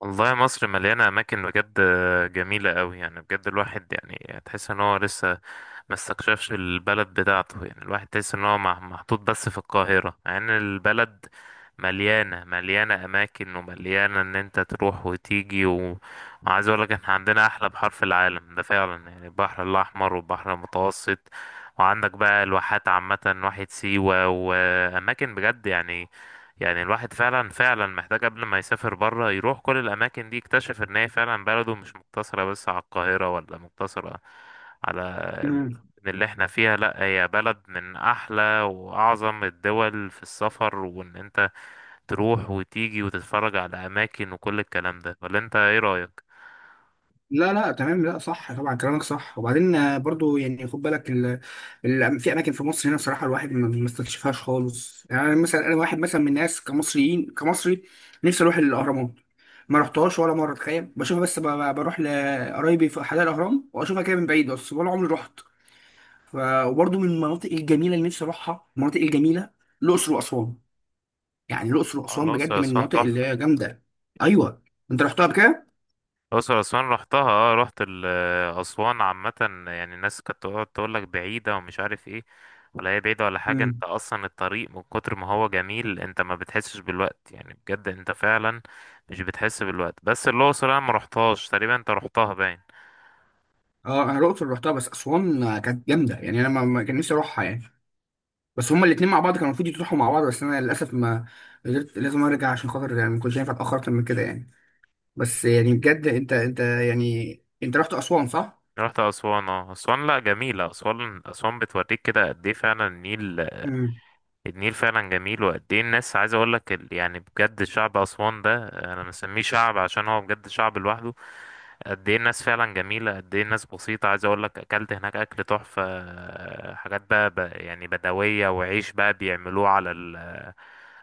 والله مصر مليانة أماكن بجد جميلة أوي، يعني بجد الواحد يعني تحس إن هو لسه ما استكشفش البلد بتاعته. يعني الواحد تحس ان هو محطوط بس في القاهرة، مع ان البلد مليانة اماكن ومليانة ان انت تروح وتيجي وعايز اقول لك، احنا عندنا احلى بحر في العالم ده فعلا، يعني البحر الاحمر والبحر المتوسط، وعندك بقى الواحات عامة، واحة سيوة واماكن بجد يعني الواحد فعلا فعلا محتاج قبل ما يسافر بره يروح كل الاماكن دي، يكتشف ان هي فعلا بلده مش مقتصرة بس على القاهرة، ولا مقتصرة على مم. اللي احنا فيها. لا، هي بلد من احلى واعظم الدول في السفر، وان انت تروح وتيجي وتتفرج على اماكن وكل الكلام ده. ولا انت ايه رايك؟ لا لا، تمام. لا، صح، طبعا كلامك صح. وبعدين برضو يعني خد بالك في اماكن في مصر هنا بصراحه، الواحد ما استكشفهاش خالص يعني. أنا مثلا، واحد مثلا من الناس، كمصري، نفسي اروح الاهرامات. ما رحتهاش ولا مره، تخيل، بشوفها بس، بروح لقرايبي في حدائق الاهرام واشوفها كده من بعيد بس، ولا عمري رحت. ف... وبرضو من المناطق الجميله اللي نفسي اروحها، المناطق الجميله الاقصر واسوان. يعني الاقصر اه واسوان الاقصر بجد من اسوان المناطق اللي تحفه. هي جامده. ايوه. انت رحتها بكده؟ الاقصر اسوان رحتها، اه رحت اسوان عامه. يعني الناس كانت تقعد تقول لك بعيده ومش عارف ايه، ولا هي بعيده ولا حاجه. انت اصلا الطريق من كتر ما هو جميل انت ما بتحسش بالوقت، يعني بجد انت فعلا مش بتحس بالوقت. بس الاقصر انا ما رحتهاش تقريبا، انت رحتها باين. اه، انا الاقصر رحتها، بس اسوان كانت جامده يعني. انا ما كان نفسي اروحها يعني. بس هما الاثنين مع بعض كانوا المفروض يروحوا مع بعض، بس انا للاسف ما قدرت. لازم ارجع عشان خاطر يعني، ما كنتش ينفع اتاخر اكتر من كده يعني. بس يعني بجد، انت يعني، انت رحت اسوان صح؟ رحت أسوان، اه أسوان لأ جميلة. أسوان أسوان بتوريك كده قد إيه فعلا النيل. امم. النيل فعلا جميل، وقد إيه الناس. عايز أقولك يعني بجد شعب أسوان ده أنا مسميه شعب، عشان هو بجد شعب لوحده. قد إيه الناس فعلا جميلة، قد إيه الناس بسيطة. عايز أقولك أكلت هناك أكل تحفة، حاجات بقى يعني بدوية، وعيش بقى بيعملوه على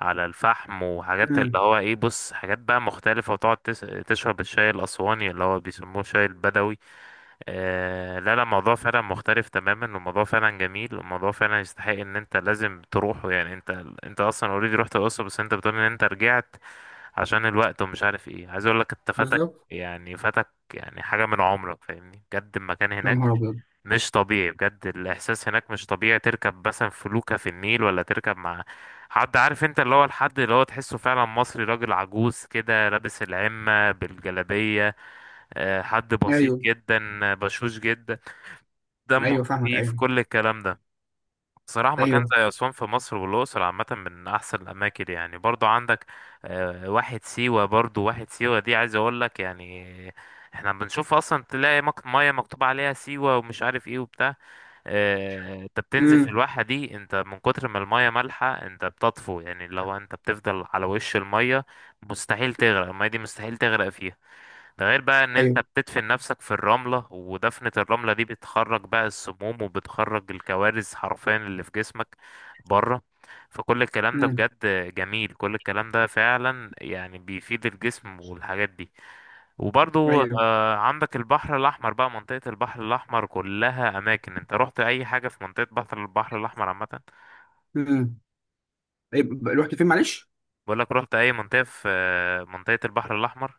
على الفحم، وحاجات اللي امم. هو إيه، بص حاجات بقى مختلفة، وتقعد تشرب الشاي الأسواني اللي هو بيسموه الشاي البدوي. لا لا، الموضوع فعلا مختلف تماما، والموضوع فعلا جميل، والموضوع فعلا يستحق ان انت لازم تروحه. يعني انت اصلا اوريدي رحت الاقصر، بس انت بتقول ان انت رجعت عشان الوقت ومش عارف ايه. عايز اقول لك انت فاتك، بالظبط. يعني فاتك يعني حاجة من عمرك، فاهمني. بجد المكان يا هناك نهار ابيض. مش طبيعي، بجد الاحساس هناك مش طبيعي. تركب مثلا فلوكة في النيل، ولا تركب مع حد، عارف انت اللي هو الحد اللي هو تحسه فعلا مصري، راجل عجوز كده لابس العمة بالجلابية، حد بسيط ايوه، جدا، بشوش جدا، دمه ايوه، فاهمك، خفيف ايوه. كل الكلام ده. صراحة مكان ايوه. زي أسوان في مصر والأقصر عامة من أحسن الأماكن، يعني برضو عندك واحد سيوة. برضو واحد سيوة دي عايز أقول لك، يعني احنا بنشوف أصلا تلاقي مية مكتوب عليها سيوة ومش عارف ايه وبتاع. انت بتنزل في امم. الواحة دي، انت من كتر ما المية مالحة انت بتطفو. يعني لو انت بتفضل على وش المية، مستحيل تغرق. المية دي مستحيل تغرق فيها. ده غير بقى ان انت ايوه. بتدفن نفسك في الرملة، ودفنة الرملة دي بتخرج بقى السموم، وبتخرج الكوارث حرفيا اللي في جسمك بره. فكل الكلام ده امم. بجد جميل، كل الكلام ده فعلا يعني بيفيد الجسم والحاجات دي. وبرضو ايوه. عندك البحر الأحمر بقى، منطقة البحر الأحمر كلها أماكن. انت رحت أي حاجة في منطقة البحر الأحمر عامة؟ امم. طيب، رحت فين معلش؟ بقولك رحت أي منطقة في منطقة البحر الأحمر؟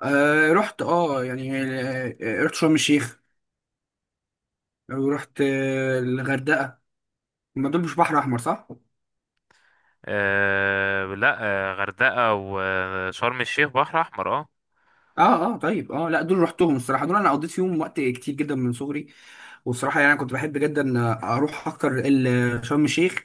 آه رحت اه يعني آه، آه، رحت شرم الشيخ، ورحت الغردقه. ما دول مش بحر احمر، صح؟ آه لا، غردقة وشرم الشيخ بحر أحمر آه. اه، اه، طيب، لا، دول رحتهم الصراحه. دول انا قضيت فيهم وقت كتير جدا من صغري. والصراحه يعني، انا كنت بحب جدا اروح اكتر شرم الشيخ،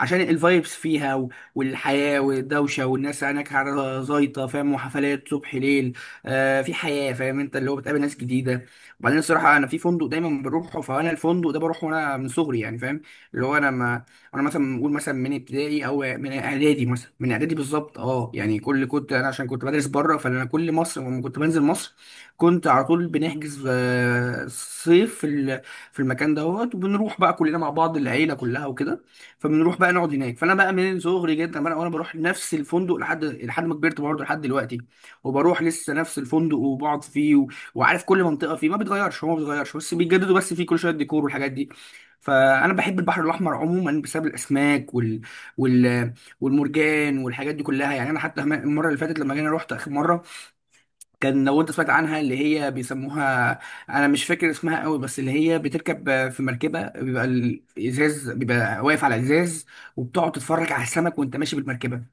عشان الفايبس فيها والحياة والدوشة، والناس هناك على زايطة، فاهم؟ وحفلات صبح ليل. في حياة، فاهم انت، اللي هو بتقابل ناس جديدة. وبعدين الصراحة، انا في فندق دايما بروحه، فانا الفندق ده بروحه وانا من صغري يعني، فاهم؟ اللي هو انا ما انا مثلا بقول، مثلا من ابتدائي او من اعدادي، مثلا من اعدادي بالظبط. اه يعني، كنت انا عشان كنت بدرس بره، فانا كل مصر لما كنت بنزل مصر كنت على طول بنحجز صيف في المكان دوت، وبنروح بقى كلنا مع بعض، العيلة كلها وكده. فبنروح بقى نقعد هناك. فانا بقى من صغري جدا بقى، وانا بروح نفس الفندق، لحد ما كبرت برضه لحد دلوقتي، وبروح لسه نفس الفندق وبقعد فيه. وعارف كل منطقه فيه. ما بيتغيرش، هو ما بيتغيرش، بس بيجددوا بس فيه كل شويه الديكور والحاجات دي. فانا بحب البحر الاحمر عموما، بسبب الاسماك وال... والمرجان والحاجات دي كلها يعني. انا حتى المره اللي فاتت لما جينا، رحت اخر مره، كان، لو انت سمعت عنها، اللي هي بيسموها، انا مش فاكر اسمها قوي، بس اللي هي بتركب في مركبه، بيبقى الازاز، بيبقى واقف على ازاز، وبتقعد تتفرج على السمك وانت ماشي بالمركبه.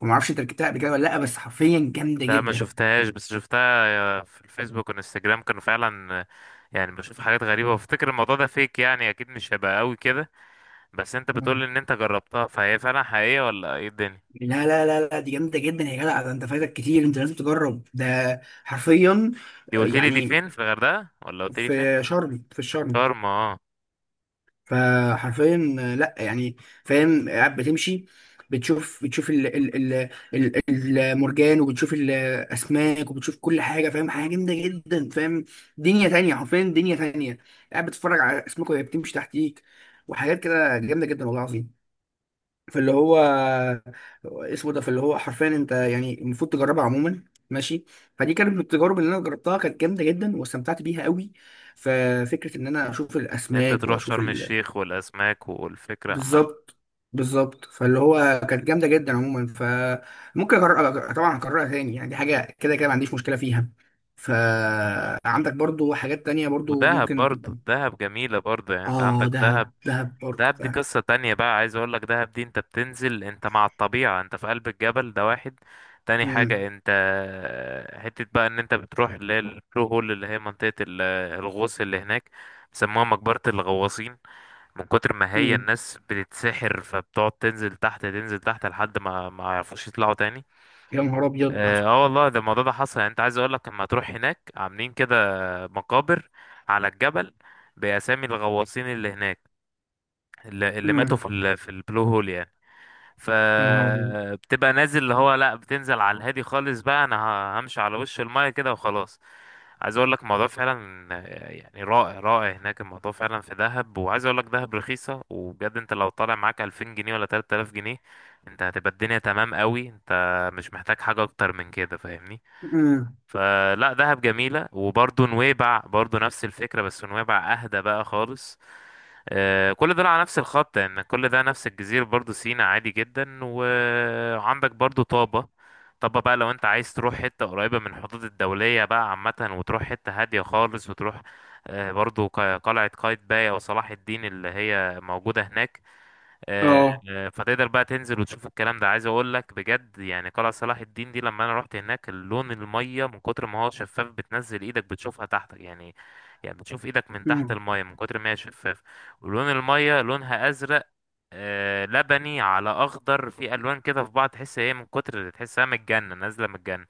وما اعرفش انت ركبتها قبل كده ولا لا، بس حرفيا جامده لا ما جدا. شفتهاش، بس شفتها في الفيسبوك والانستجرام، كانوا فعلا يعني بشوف حاجات غريبة وافتكر الموضوع ده فيك، يعني اكيد مش هيبقى قوي كده، بس انت مم. بتقول ان انت جربتها، فهي فعلا حقيقية ولا ايه الدنيا؟ لا لا لا لا، دي جامده جدا يا جدع. ده انت فايتك كتير، انت لازم تجرب ده حرفيا دي قلت لي دي يعني، فين، في الغردقة ولا قلت لي فين؟ في الشرم. شرم اه. فحرفيا، لا يعني، فاهم، قاعد بتمشي، بتشوف ال ال ال ال المرجان، وبتشوف الاسماك، وبتشوف كل حاجه، فاهم؟ حاجه جامده جدا، فاهم؟ دنيا تانية، حرفيا دنيا تانية. قاعد بتتفرج على اسماك وهي بتمشي تحتيك، وحاجات كده جامده جدا، والله العظيم. فاللي هو فاللي هو حرفيا انت يعني المفروض تجربها عموما، ماشي. فدي كانت من التجارب اللي انا جربتها، كانت جامده جدا واستمتعت بيها قوي. ففكره ان انا اشوف ان انت الاسماك تروح واشوف شرم ال الشيخ والاسماك والفكرة عامة. بالظبط. بالظبط. فاللي هو كانت جامده جدا عموما. فممكن طبعا اكررها تاني يعني، دي حاجه كده كده ما عنديش مشكله فيها. فعندك برضو حاجات تانية برضو ودهب ممكن تبقى. برضه، دهب جميلة برضه، يعني انت اه، عندك دهب، دهب. دهب برضو، دهب دي فاهم. قصة تانية بقى، عايز اقول لك دهب دي انت بتنزل انت مع الطبيعة، انت في قلب الجبل، ده واحد تاني. مم. حاجة انت حتة بقى ان انت بتروح اللي هي البلو هول، اللي هي منطقة الغوص اللي هناك، بيسموها مقبرة الغواصين، من كتر ما هي مم. الناس بتتسحر، فبتقعد تنزل تحت تنزل تحت لحد ما يعرفوش يطلعوا تاني. يا نهار ابيض. اه والله ده الموضوع ده حصل. يعني انت عايز اقول لك لما تروح هناك، عاملين كده مقابر على الجبل بأسامي الغواصين اللي هناك، اللي ماتوا مم. في البلو هول يعني. يا نهار ابيض. فبتبقى نازل اللي هو، لا، بتنزل على الهادي خالص بقى، انا همشي على وش المايه كده وخلاص. عايز اقول لك الموضوع فعلا يعني رائع رائع هناك، الموضوع فعلا في دهب. وعايز اقول لك دهب رخيصه، وبجد انت لو طالع معاك 2000 جنيه ولا 3000 جنيه انت هتبقى الدنيا تمام قوي، انت مش محتاج حاجه اكتر من كده، فاهمني. مم. فلا دهب جميلة، وبرضه نويبع برضه نفس الفكرة، بس نويبع أهدى بقى خالص. كل ده على نفس الخط، يعني كل ده نفس الجزيرة برضه، سينا عادي جدا. وعندك برضه طابة. طابة بقى لو انت عايز تروح حتة قريبة من الحدود الدولية بقى عامة، وتروح حتة هادية خالص، وتروح برضه قلعة قايتباي أو صلاح الدين اللي هي موجودة هناك. آه، اه. فتقدر بقى تنزل وتشوف الكلام ده. عايز اقول لك بجد، يعني قلعة صلاح الدين دي لما انا رحت هناك، اللون المية من كتر ما هو شفاف، بتنزل ايدك بتشوفها تحتك يعني. يعني بتشوف ايدك من تحت مم. المية من كتر ما هي شفاف. ولون المية لونها ازرق لبني على اخضر، في الوان كده في بعض، تحس هي من كتر تحسها من الجنة، نازلة من الجنة.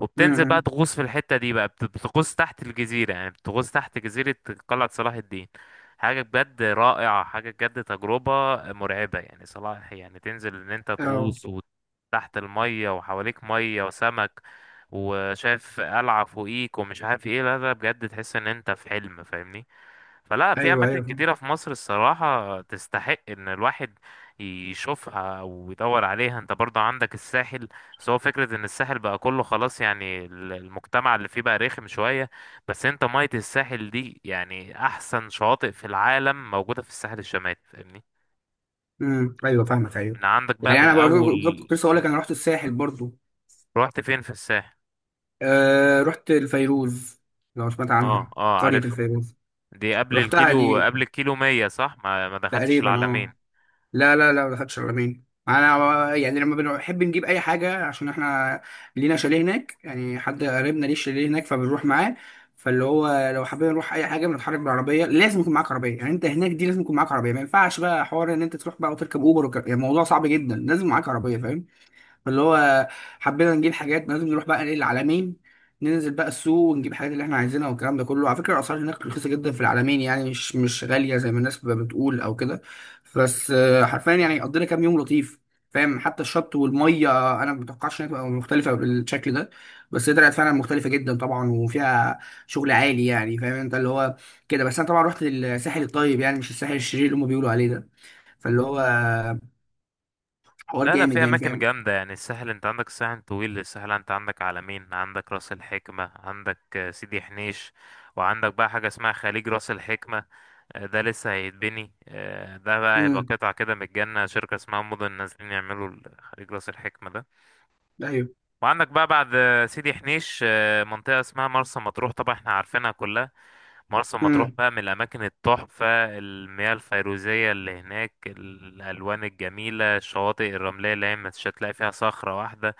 وبتنزل بقى مم. تغوص في الحتة دي بقى، بتغوص تحت الجزيرة، يعني بتغوص تحت جزيرة قلعة صلاح الدين. حاجة بجد رائعة، حاجة بجد تجربة مرعبة، يعني صلاح يعني تنزل ان انت اه. تغوص وتحت المية وحواليك مية وسمك وشايف قلعة فوقيك ومش عارف ايه. لا لا، بجد تحس ان انت في حلم، فاهمني. فلا في ايوه. اماكن ايوه. كتيرة في مصر الصراحة تستحق ان الواحد يشوفها او يدور عليها. انت برضه عندك الساحل، بس هو فكرة ان الساحل بقى كله خلاص، يعني المجتمع اللي فيه بقى رخم شوية، بس انت مية الساحل دي يعني احسن شواطئ في العالم موجودة في الساحل الشمالي، فاهمني. مم. ايوه، فاهمك، ايوه. من عندك بقى يعني من انا برضو اول بالظبط كنت لسه اقول من- لك، انا رحت الساحل برضو. رحت فين في الساحل؟ رحت الفيروز، لو سمعت اه عنها، اه، قرية عارفها، الفيروز. دي رحتها دي قبل الكيلو 100 صح؟ ما دخلتش تقريبا، العلمين. اه. لا لا لا، ما دخلتش العلمين. انا يعني لما بنحب نجيب اي حاجة، عشان احنا لينا شاليه هناك يعني، حد قريبنا ليه شاليه هناك، فبنروح معاه. فاللي هو، لو حابين نروح اي حاجه، بنتحرك بالعربيه. لازم يكون معاك عربيه، يعني انت هناك دي لازم يكون معاك عربيه، ما ينفعش بقى حوار ان انت تروح بقى وتركب اوبر يعني الموضوع صعب جدا، لازم معاك عربيه، فاهم؟ اللي هو حبينا نجيب حاجات، لازم نروح بقى ايه، العلمين. ننزل بقى السوق ونجيب الحاجات اللي احنا عايزينها والكلام ده كله. على فكره الاسعار هناك رخيصه جدا في العلمين، يعني مش غاليه زي ما الناس بتبقى بتقول او كده. بس حرفيا يعني قضينا كام يوم لطيف، فاهم؟ حتى الشط والميه، انا ما متوقعش انها تبقى مختلفه بالشكل ده، بس هي طلعت فعلا مختلفه جدا طبعا. وفيها شغل عالي يعني، فاهم انت اللي هو كده. بس انا طبعا رحت للساحل الطيب، يعني مش الساحل الشرير اللي هم بيقولوا عليه ده. فاللي هو حوار لا لا، جامد في يعني، اماكن فاهم؟ جامده، يعني الساحل انت عندك الساحل طويل. الساحل انت عندك عالمين، عندك راس الحكمه، عندك سيدي حنيش. وعندك بقى حاجه اسمها خليج راس الحكمه، ده لسه هيتبني. ده بقى هيبقى امم. قطعه كده من الجنه، شركه اسمها مدن نازلين يعملوا خليج راس الحكمه ده. ايوه. وعندك بقى بعد سيدي حنيش منطقه اسمها مرسى مطروح، طبعا احنا عارفينها كلها. مرسى مطروح مم. بقى من الأماكن التحفة، المياه الفيروزية اللي هناك، الألوان الجميلة، الشواطئ الرملية اللي هي مش هتلاقي فيها صخرة واحدة.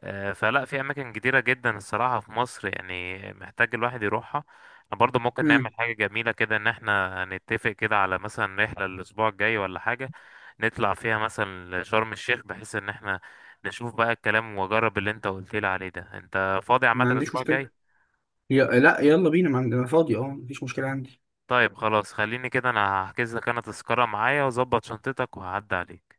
فلا في أماكن كتيرة جدا الصراحة في مصر، يعني محتاج الواحد يروحها. احنا برضه ممكن نعمل مم. حاجة جميلة كده، إن احنا نتفق كده على مثلا رحلة الأسبوع الجاي ولا حاجة، نطلع فيها مثلا شرم الشيخ، بحيث إن احنا نشوف بقى الكلام وأجرب اللي أنت قلت لي عليه ده. أنت فاضي عامة ما عنديش الأسبوع مشكلة. الجاي؟ لا يلا بينا، ما عندنا فاضي، اه، مفيش مشكلة عندي. طيب خلاص، خليني كده انا هحجز لك انا تذكرة معايا، واظبط شنطتك وهعدي عليك.